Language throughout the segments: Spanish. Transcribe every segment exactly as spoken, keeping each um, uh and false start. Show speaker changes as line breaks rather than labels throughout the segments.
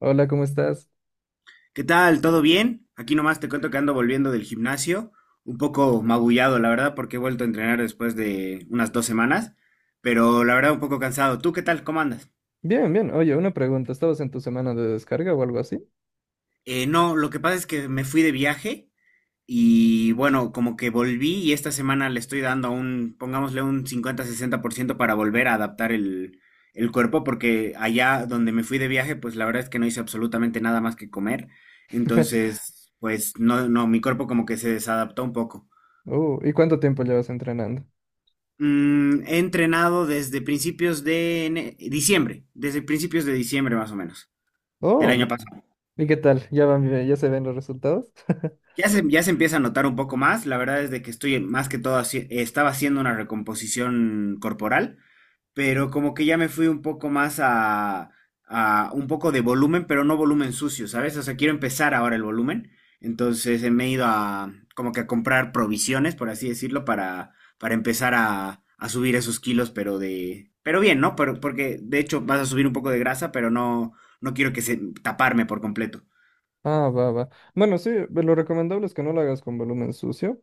Hola, ¿cómo estás?
¿Qué tal? ¿Todo bien? Aquí nomás te cuento que ando volviendo del gimnasio, un poco magullado, la verdad, porque he vuelto a entrenar después de unas dos semanas, pero la verdad un poco cansado. ¿Tú qué tal? ¿Cómo andas?
Bien, bien. Oye, una pregunta. ¿Estabas en tu semana de descarga o algo así?
Eh, no, lo que pasa es que me fui de viaje y bueno, como que volví y esta semana le estoy dando un, pongámosle un cincuenta sesenta por ciento para volver a adaptar el, el cuerpo, porque allá donde me fui de viaje, pues la verdad es que no hice absolutamente nada más que comer. Entonces, pues no, no, mi cuerpo como que se desadaptó un poco.
Uh, ¿y cuánto tiempo llevas entrenando?
Mm, he entrenado desde principios de ene- diciembre, desde principios de diciembre más o menos, del
Oh,
año pasado.
¿Y qué tal? ¿Ya van, bien? ¿Ya se ven los resultados?
Ya se, ya se empieza a notar un poco más, la verdad es de que estoy más que todo, haci- estaba haciendo una recomposición corporal, pero como que ya me fui un poco más a, a, un poco de volumen, pero no volumen sucio, ¿sabes? O sea, quiero empezar ahora el volumen, entonces eh, me he ido a como que a comprar provisiones, por así decirlo, para, para empezar a, a subir esos kilos, pero de, pero bien, ¿no? Pero, porque de hecho vas a subir un poco de grasa, pero no, no quiero que se taparme por completo.
Ah, va, va. Bueno, sí, lo recomendable es que no lo hagas con volumen sucio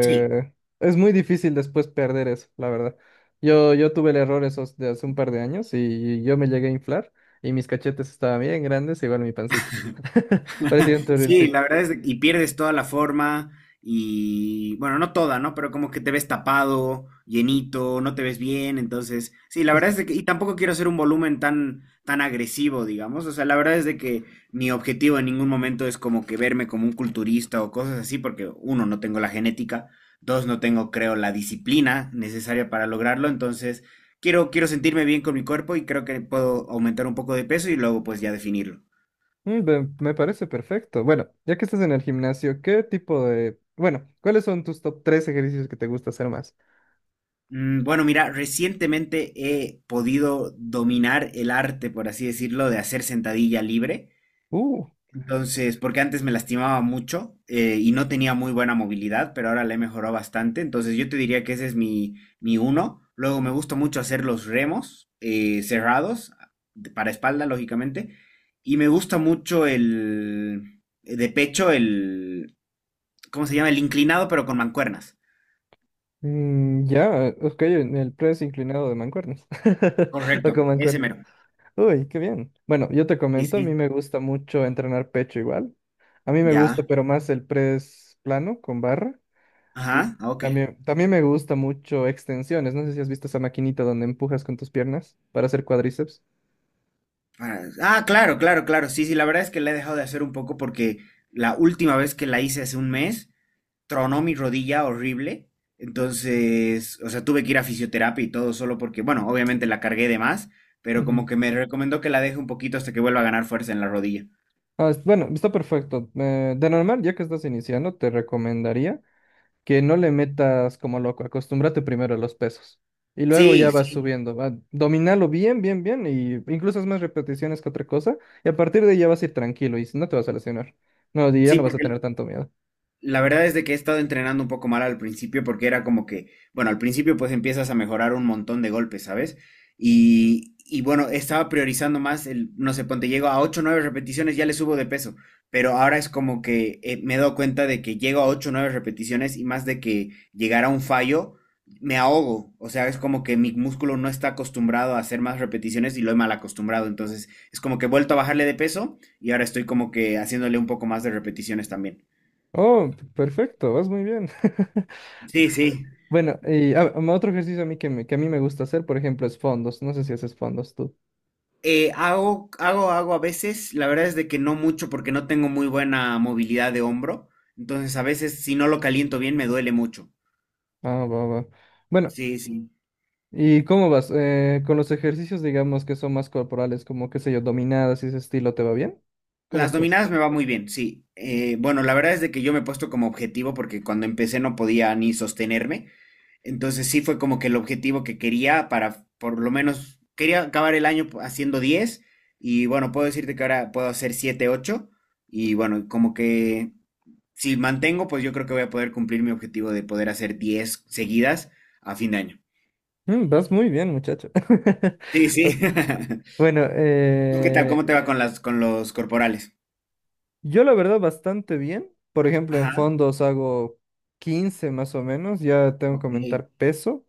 Sí,
es muy difícil después perder eso, la verdad. Yo, yo tuve el error esos de hace un par de años y yo me llegué a inflar y mis cachetes estaban bien grandes, igual mi pancita. Parecía un
sí,
turrilcito.
la verdad es que- y pierdes toda la forma y bueno, no toda, ¿no? Pero como que te ves tapado, llenito, no te ves bien, entonces, sí, la verdad es de que y tampoco quiero hacer un volumen tan tan agresivo, digamos, o sea, la verdad es de que mi objetivo en ningún momento es como que verme como un culturista o cosas así, porque uno, no tengo la genética, dos, no tengo, creo, la disciplina necesaria para lograrlo, entonces, quiero quiero sentirme bien con mi cuerpo y creo que puedo aumentar un poco de peso y luego pues ya definirlo.
Mm, ve- Me parece perfecto. Bueno, ya que estás en el gimnasio, ¿qué tipo de... Bueno, ¿cuáles son tus top tres ejercicios que te gusta hacer más?
Mm, Bueno, mira, recientemente he podido dominar el arte, por así decirlo, de hacer sentadilla libre.
Uh,
Entonces, porque antes me lastimaba mucho eh, y no tenía muy buena movilidad, pero ahora la he mejorado bastante. Entonces, yo te diría que ese es mi, mi uno. Luego, me gusta mucho hacer los remos eh, cerrados, de- para espalda, lógicamente. Y me gusta mucho el eh, de pecho, el, ¿cómo se llama? El inclinado, pero con mancuernas.
mm, ya, ok, en el press inclinado de mancuernas. O con
Correcto, ese
mancuernas.
mero.
Uy, qué bien. Bueno, yo te
Sí,
comento, a mí
sí.
me gusta mucho entrenar pecho igual. A mí me gusta,
Ya.
pero más el press plano con barra. Y
Ajá, ah, ok.
también, también me gusta mucho extensiones. No sé si has visto esa maquinita donde empujas con tus piernas para hacer cuádriceps.
Ah, ah, claro, claro, claro. Sí, sí, la verdad es que la he dejado de hacer un poco porque la última vez que la hice hace un mes, tronó mi rodilla horrible. Entonces, o sea, tuve que ir a fisioterapia y todo solo porque, bueno, obviamente la cargué de más, pero como que me recomendó que la deje un poquito hasta que vuelva a ganar fuerza en la rodilla.
Ah, es- bueno, está perfecto. Eh, de normal, ya que estás iniciando, te recomendaría que no le metas como loco. Acostúmbrate primero a los pesos. Y luego ya
Sí,
vas
sí,
subiendo. Va, dominalo bien, bien, bien. Y incluso es más repeticiones que otra cosa. Y a partir de ahí ya vas a ir tranquilo y no te vas a lesionar. No, y ya
sí,
no vas a
porque
tener tanto miedo.
la verdad es de que he estado entrenando un poco mal al principio porque era como que, bueno, al principio pues empiezas a mejorar un montón de golpes, ¿sabes? Y, y bueno, estaba priorizando más el, no sé, ponte, llego a ocho o nueve repeticiones, ya le subo de peso, pero ahora es como que eh, me he dado cuenta de que llego a ocho o nueve repeticiones y más de que llegar a un fallo, me ahogo, o sea, es como que mi músculo no está acostumbrado a hacer más repeticiones y lo he mal acostumbrado, entonces es como que he vuelto a bajarle de peso y ahora estoy como que haciéndole un poco más de repeticiones también.
Oh, p- perfecto, vas muy bien.
Sí, sí.
Bueno, y ah, um, otro ejercicio a mí que, me- que a mí me gusta hacer, por ejemplo, es fondos. No sé si haces fondos tú.
Eh, hago, hago, hago a veces, la verdad es de que no mucho porque no tengo muy buena movilidad de hombro, entonces a veces si no lo caliento bien me duele mucho.
Ah, va, va. Bueno,
Sí, sí.
¿y cómo vas? Eh, con los ejercicios, digamos, que son más corporales, como, qué sé yo, dominadas y ese estilo, ¿te va bien? ¿Cómo
Las
estás?
dominadas me va muy bien, sí. Eh, bueno, la verdad es de que yo me he puesto como objetivo porque cuando empecé no podía ni sostenerme, entonces sí fue como que el objetivo que quería para, por lo menos, quería acabar el año haciendo diez y bueno, puedo decirte que ahora puedo hacer siete ocho y bueno, como que si mantengo, pues yo creo que voy a poder cumplir mi objetivo de poder hacer diez seguidas a fin de año.
Mm, vas muy bien, muchacho.
Sí, sí.
Bueno,
¿Tú qué tal?
eh,
¿Cómo te va con las, con los corporales?
yo la verdad bastante bien. Por ejemplo, en
Ajá.
fondos hago quince más o menos, ya tengo que
Ok.
comentar peso.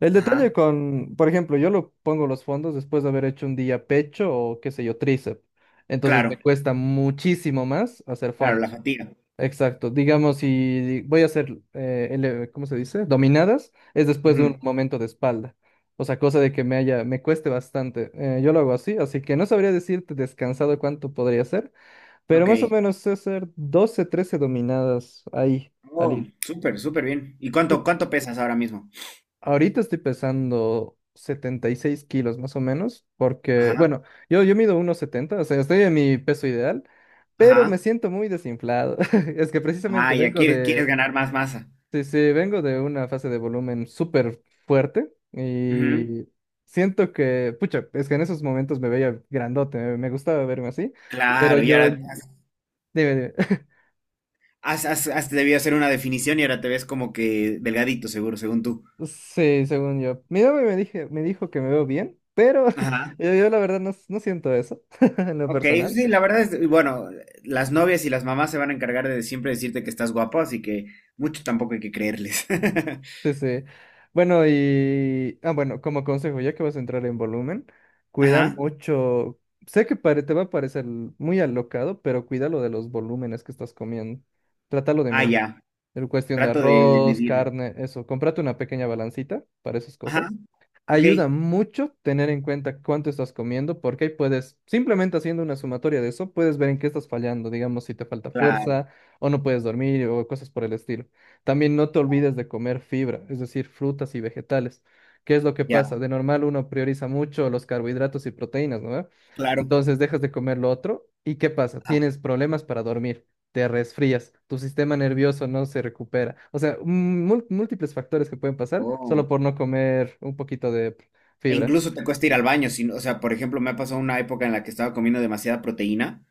El
Ajá.
detalle con, por ejemplo, yo lo pongo los fondos después de haber hecho un día pecho o qué sé yo, tríceps. Entonces me
Claro,
cuesta muchísimo más hacer
claro, la
fondos.
fatiga.
Exacto, digamos, si voy a hacer, eh, ele- ¿cómo se dice? Dominadas, es después de
Ujú.
un momento de espalda. O sea, cosa de que me haya, me cueste bastante. Eh, yo lo hago así, así que no sabría decirte descansado cuánto podría ser, pero
Ok.
más o menos sé hacer doce, trece dominadas ahí, al
Oh,
hilo.
súper, súper bien. ¿Y
Sí.
cuánto, cuánto pesas ahora mismo?
Ahorita estoy pesando setenta y seis kilos más o menos, porque,
Ajá.
bueno, yo, yo mido uno setenta, o sea, estoy en mi peso ideal, pero me
Ajá.
siento muy desinflado. Es que
Ah,
precisamente
ya
vengo
quieres, quieres
de.
ganar más masa.
Sí, sí, vengo de una fase de volumen súper fuerte
Ujú.
y siento que, pucha, es que en esos momentos me veía grandote, me, me gustaba verme así, pero
Claro, y
yo,
ahora
dime, dime.
has, has, has debido hacer una definición y ahora te ves como que delgadito, seguro, según tú.
Sí, según yo. Mi novia me dije, me dijo que me veo bien, pero
Ajá.
yo, yo la verdad no, no siento eso en lo
Ok,
personal.
sí, la verdad es, bueno, las novias y las mamás se van a encargar de siempre decirte que estás guapo, así que mucho tampoco hay que creerles.
Sí, sí. Bueno, y... Ah, bueno, como consejo, ya que vas a entrar en volumen, cuida
Ajá,
mucho... Sé que pare- te va a parecer muy alocado, pero cuida lo de los volúmenes que estás comiendo. Trátalo de
ah,
medir.
ya,
En cuestión de
trato de, de
arroz,
medir.
carne, eso. Cómprate una pequeña balancita para esas
Ajá,
cosas.
ok,
Ayuda mucho tener en cuenta cuánto estás comiendo, porque ahí puedes, simplemente haciendo una sumatoria de eso, puedes ver en qué estás fallando, digamos, si te falta
claro,
fuerza o no puedes dormir o cosas por el estilo. También no te olvides de comer fibra, es decir, frutas y vegetales. ¿Qué es lo que
ya,
pasa? De normal uno prioriza mucho los carbohidratos y proteínas, ¿no?
claro.
Entonces dejas de comer lo otro y ¿qué pasa?
Ajá.
Tienes problemas para dormir, te resfrías, tu sistema nervioso no se recupera. O sea, mú- múltiples factores que pueden pasar
Oh.
solo por no comer un poquito de
E
fibra.
incluso te cuesta ir al baño, si no- o sea, por ejemplo, me ha pasado una época en la que estaba comiendo demasiada proteína,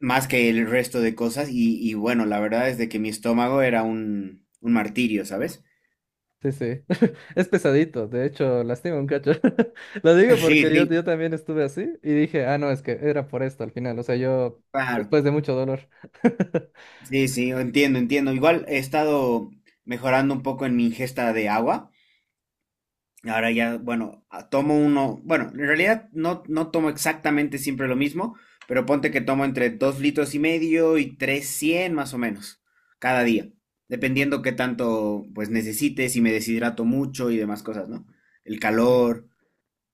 más que el resto de cosas, y, y bueno, la verdad es de que mi estómago era un, un martirio, ¿sabes?
Sí, sí. Es pesadito, de hecho, lastima un cacho. Lo digo
Sí,
porque yo,
sí,
yo también estuve así y dije, ah, no, es que era por esto al final. O sea, yo,
claro.
después de mucho dolor.
Sí, sí, entiendo, entiendo. Igual he estado mejorando un poco en mi ingesta de agua. Ahora ya, bueno, a- tomo uno, bueno, en realidad no, no tomo exactamente siempre lo mismo, pero ponte que tomo entre dos litros y medio y trescientos más o menos cada día, dependiendo qué tanto pues necesites, si me deshidrato mucho y demás cosas, ¿no? El
Sí.
calor.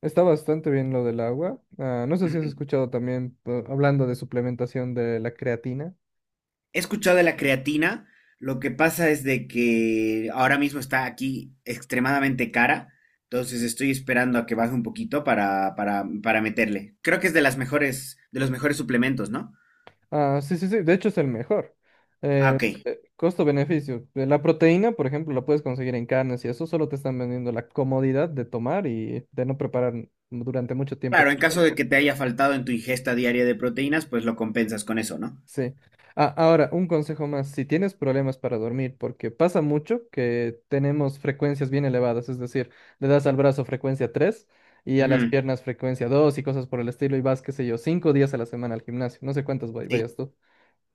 Está bastante bien lo del agua. Ah, no sé si has escuchado también eh, hablando de suplementación de la creatina.
He escuchado de la creatina, lo que pasa es de que ahora mismo está aquí extremadamente cara, entonces estoy esperando a que baje un poquito para, para, para meterle. Creo que es de las mejores, de los mejores suplementos, ¿no?
Ah, sí, sí, sí, de hecho es el mejor.
Ah,
Eh,
ok.
eh, costo-beneficio. Eh, La proteína, por ejemplo, la puedes conseguir en carnes y eso solo te están vendiendo la comodidad de tomar y de no preparar durante mucho tiempo.
Claro,
Que
en
te
caso de
ahorca.
que te haya faltado en tu ingesta diaria de proteínas, pues lo compensas con eso, ¿no?
Sí. Ah, ahora, un consejo más, si tienes problemas para dormir, porque pasa mucho que tenemos frecuencias bien elevadas, es decir, le das al brazo frecuencia tres y a las
Ujú.
piernas frecuencia dos y cosas por el estilo y vas, qué sé yo, cinco días a la semana al gimnasio, no sé cuántos vay-
Sí,
vayas tú.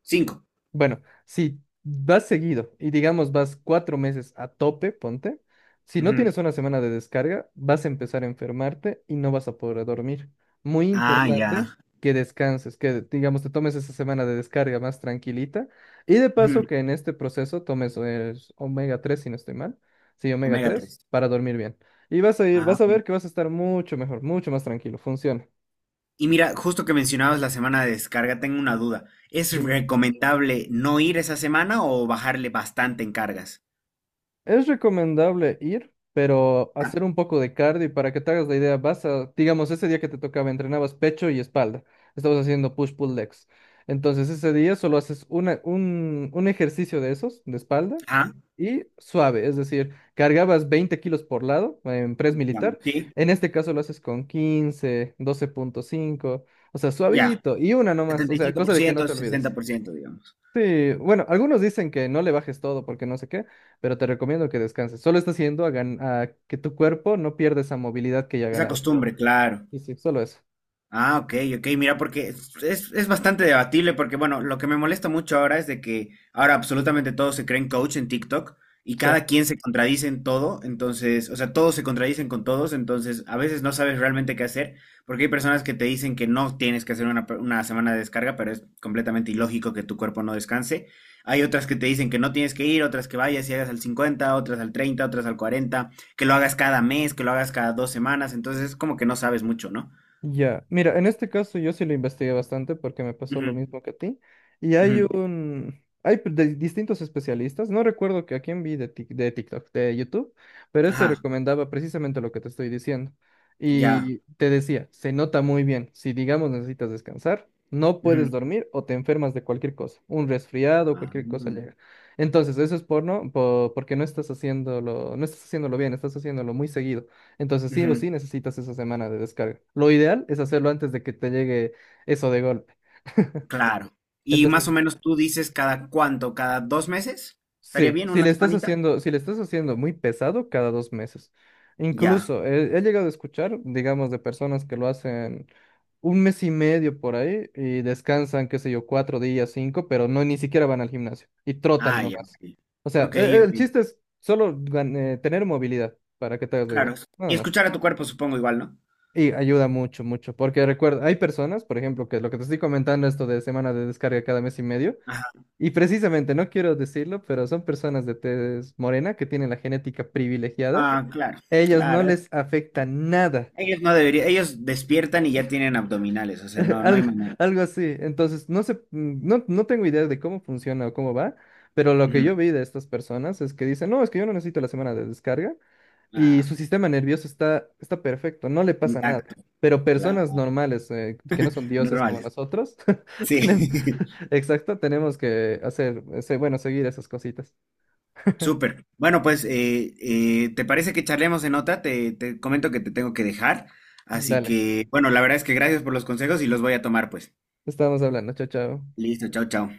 cinco.
Bueno, si vas seguido y digamos vas cuatro meses a tope, ponte, si no
Ujú.
tienes una semana de descarga, vas a empezar a enfermarte y no vas a poder dormir. Muy
Ah,
importante
ya.
que descanses, que digamos te tomes esa semana de descarga más tranquilita y de
Ujú.
paso que en este proceso tomes el omega tres, si no estoy mal, sí, omega
Omega
tres
tres.
para dormir bien. Y vas a ir, vas a ver que vas a estar mucho mejor, mucho más tranquilo, funciona.
Y mira, justo que mencionabas la semana de descarga, tengo una duda. ¿Es
Dime.
recomendable no ir esa semana o bajarle bastante en cargas?
Es recomendable ir, pero
Ah,
hacer un poco de cardio y para que te hagas la idea, vas a, digamos, ese día que te tocaba, entrenabas pecho y espalda. Estabas haciendo push-pull legs. Entonces ese día solo haces una, un, un ejercicio de esos, de espalda,
ajá,
y suave, es decir, cargabas veinte kilos por lado en press
digamos,
militar.
sí,
En este caso lo haces con quince, doce punto cinco, o sea,
ya.
suavito, y una nomás,
Setenta
o
y
sea,
cinco por
cosa de que no
ciento,
te
sesenta
olvides.
por ciento, digamos.
Sí, bueno, algunos dicen que no le bajes todo porque no sé qué, pero te recomiendo que descanses. Solo está haciendo a, gan- a que tu cuerpo no pierda esa movilidad que ya ha
Esa
ganado.
costumbre, claro.
Y sí, solo eso.
Ah, ok, ok, mira, porque es, es- es bastante debatible, porque bueno, lo que me molesta mucho ahora es de que ahora absolutamente todos se creen coach en TikTok y
Sí.
cada quien se contradice en todo, entonces, o sea, todos se contradicen con todos, entonces a veces no sabes realmente qué hacer, porque hay personas que te dicen que no tienes que hacer una, pe- una semana de descarga, pero es completamente ilógico que tu cuerpo no descanse. Hay otras que te dicen que no tienes que ir, otras que vayas y hagas al cincuenta, otras al treinta, otras al cuarenta, que lo hagas cada mes, que lo hagas cada dos semanas, entonces es como que no sabes mucho, ¿no?
Ya, mira, en este caso yo sí lo investigué bastante porque me pasó lo
Ujú.
mismo que a ti. Y hay
Ujú,
un, hay pr- de- distintos especialistas, no recuerdo que a quién vi de, Tik- de TikTok, de YouTube, pero este
ajá,
recomendaba precisamente lo que te estoy diciendo.
ya.
Y te decía, se nota muy bien, si digamos necesitas descansar, no puedes
Ujú.
dormir o te enfermas de cualquier cosa, un resfriado,
Ah,
cualquier cosa
mm,
llega. Entonces, eso es por no, po- porque no estás haciéndolo, no estás haciéndolo bien, estás haciéndolo muy seguido. Entonces sí o
ujú,
sí necesitas esa semana de descarga. Lo ideal es hacerlo antes de que te llegue eso de golpe.
claro. Y más o
Entonces,
menos tú dices cada cuánto, cada dos meses. ¿Estaría
sí,
bien
si
una
le estás
semanita?
haciendo, si le estás haciendo muy pesado cada dos meses.
Ya.
Incluso he, he llegado a escuchar, digamos, de personas que lo hacen un mes y medio por ahí y descansan, qué sé yo, cuatro días, cinco, pero no ni siquiera van al gimnasio y trotan
Ah, ya.
nomás.
Ok,
O sea,
ok,
e- el,
ok,
chiste es solo gan- eh, tener movilidad para que te hagas la idea,
claro.
nada
Y
más.
escuchar a tu cuerpo, supongo igual, ¿no?
Y ayuda mucho, mucho, porque recuerda, hay personas, por ejemplo, que lo que te estoy comentando, esto de semana de descarga cada mes y medio,
Ajá.
y precisamente, no quiero decirlo, pero son personas de tez morena que tienen la genética privilegiada,
Ah, claro,
ellos no
claro. es-
les afecta nada,
Ellos no deberían, ellos despiertan y ya tienen abdominales, o sea, no, no hay
algo,
manera.
algo así, entonces no sé, mm, no, no tengo idea de cómo funciona o cómo va, pero lo que
Ujú.
yo vi de estas personas es que dicen, no, es que yo no necesito la semana de descarga, y
Ah,
su sistema nervioso está, está perfecto, no le pasa nada.
intacto,
Pero personas
claro.
normales, eh, que no son dioses como
Normales.
nosotros,
Sí.
tenemos, exacto, tenemos que hacer, ese- bueno, seguir esas cositas.
Súper. Bueno, pues, eh, eh, ¿te parece que charlemos en otra? Te, te comento que te tengo que dejar. Así
Dale,
que, bueno, la verdad es que gracias por los consejos y los voy a tomar, pues.
estamos hablando, chao, chao.
Listo, chao, chao.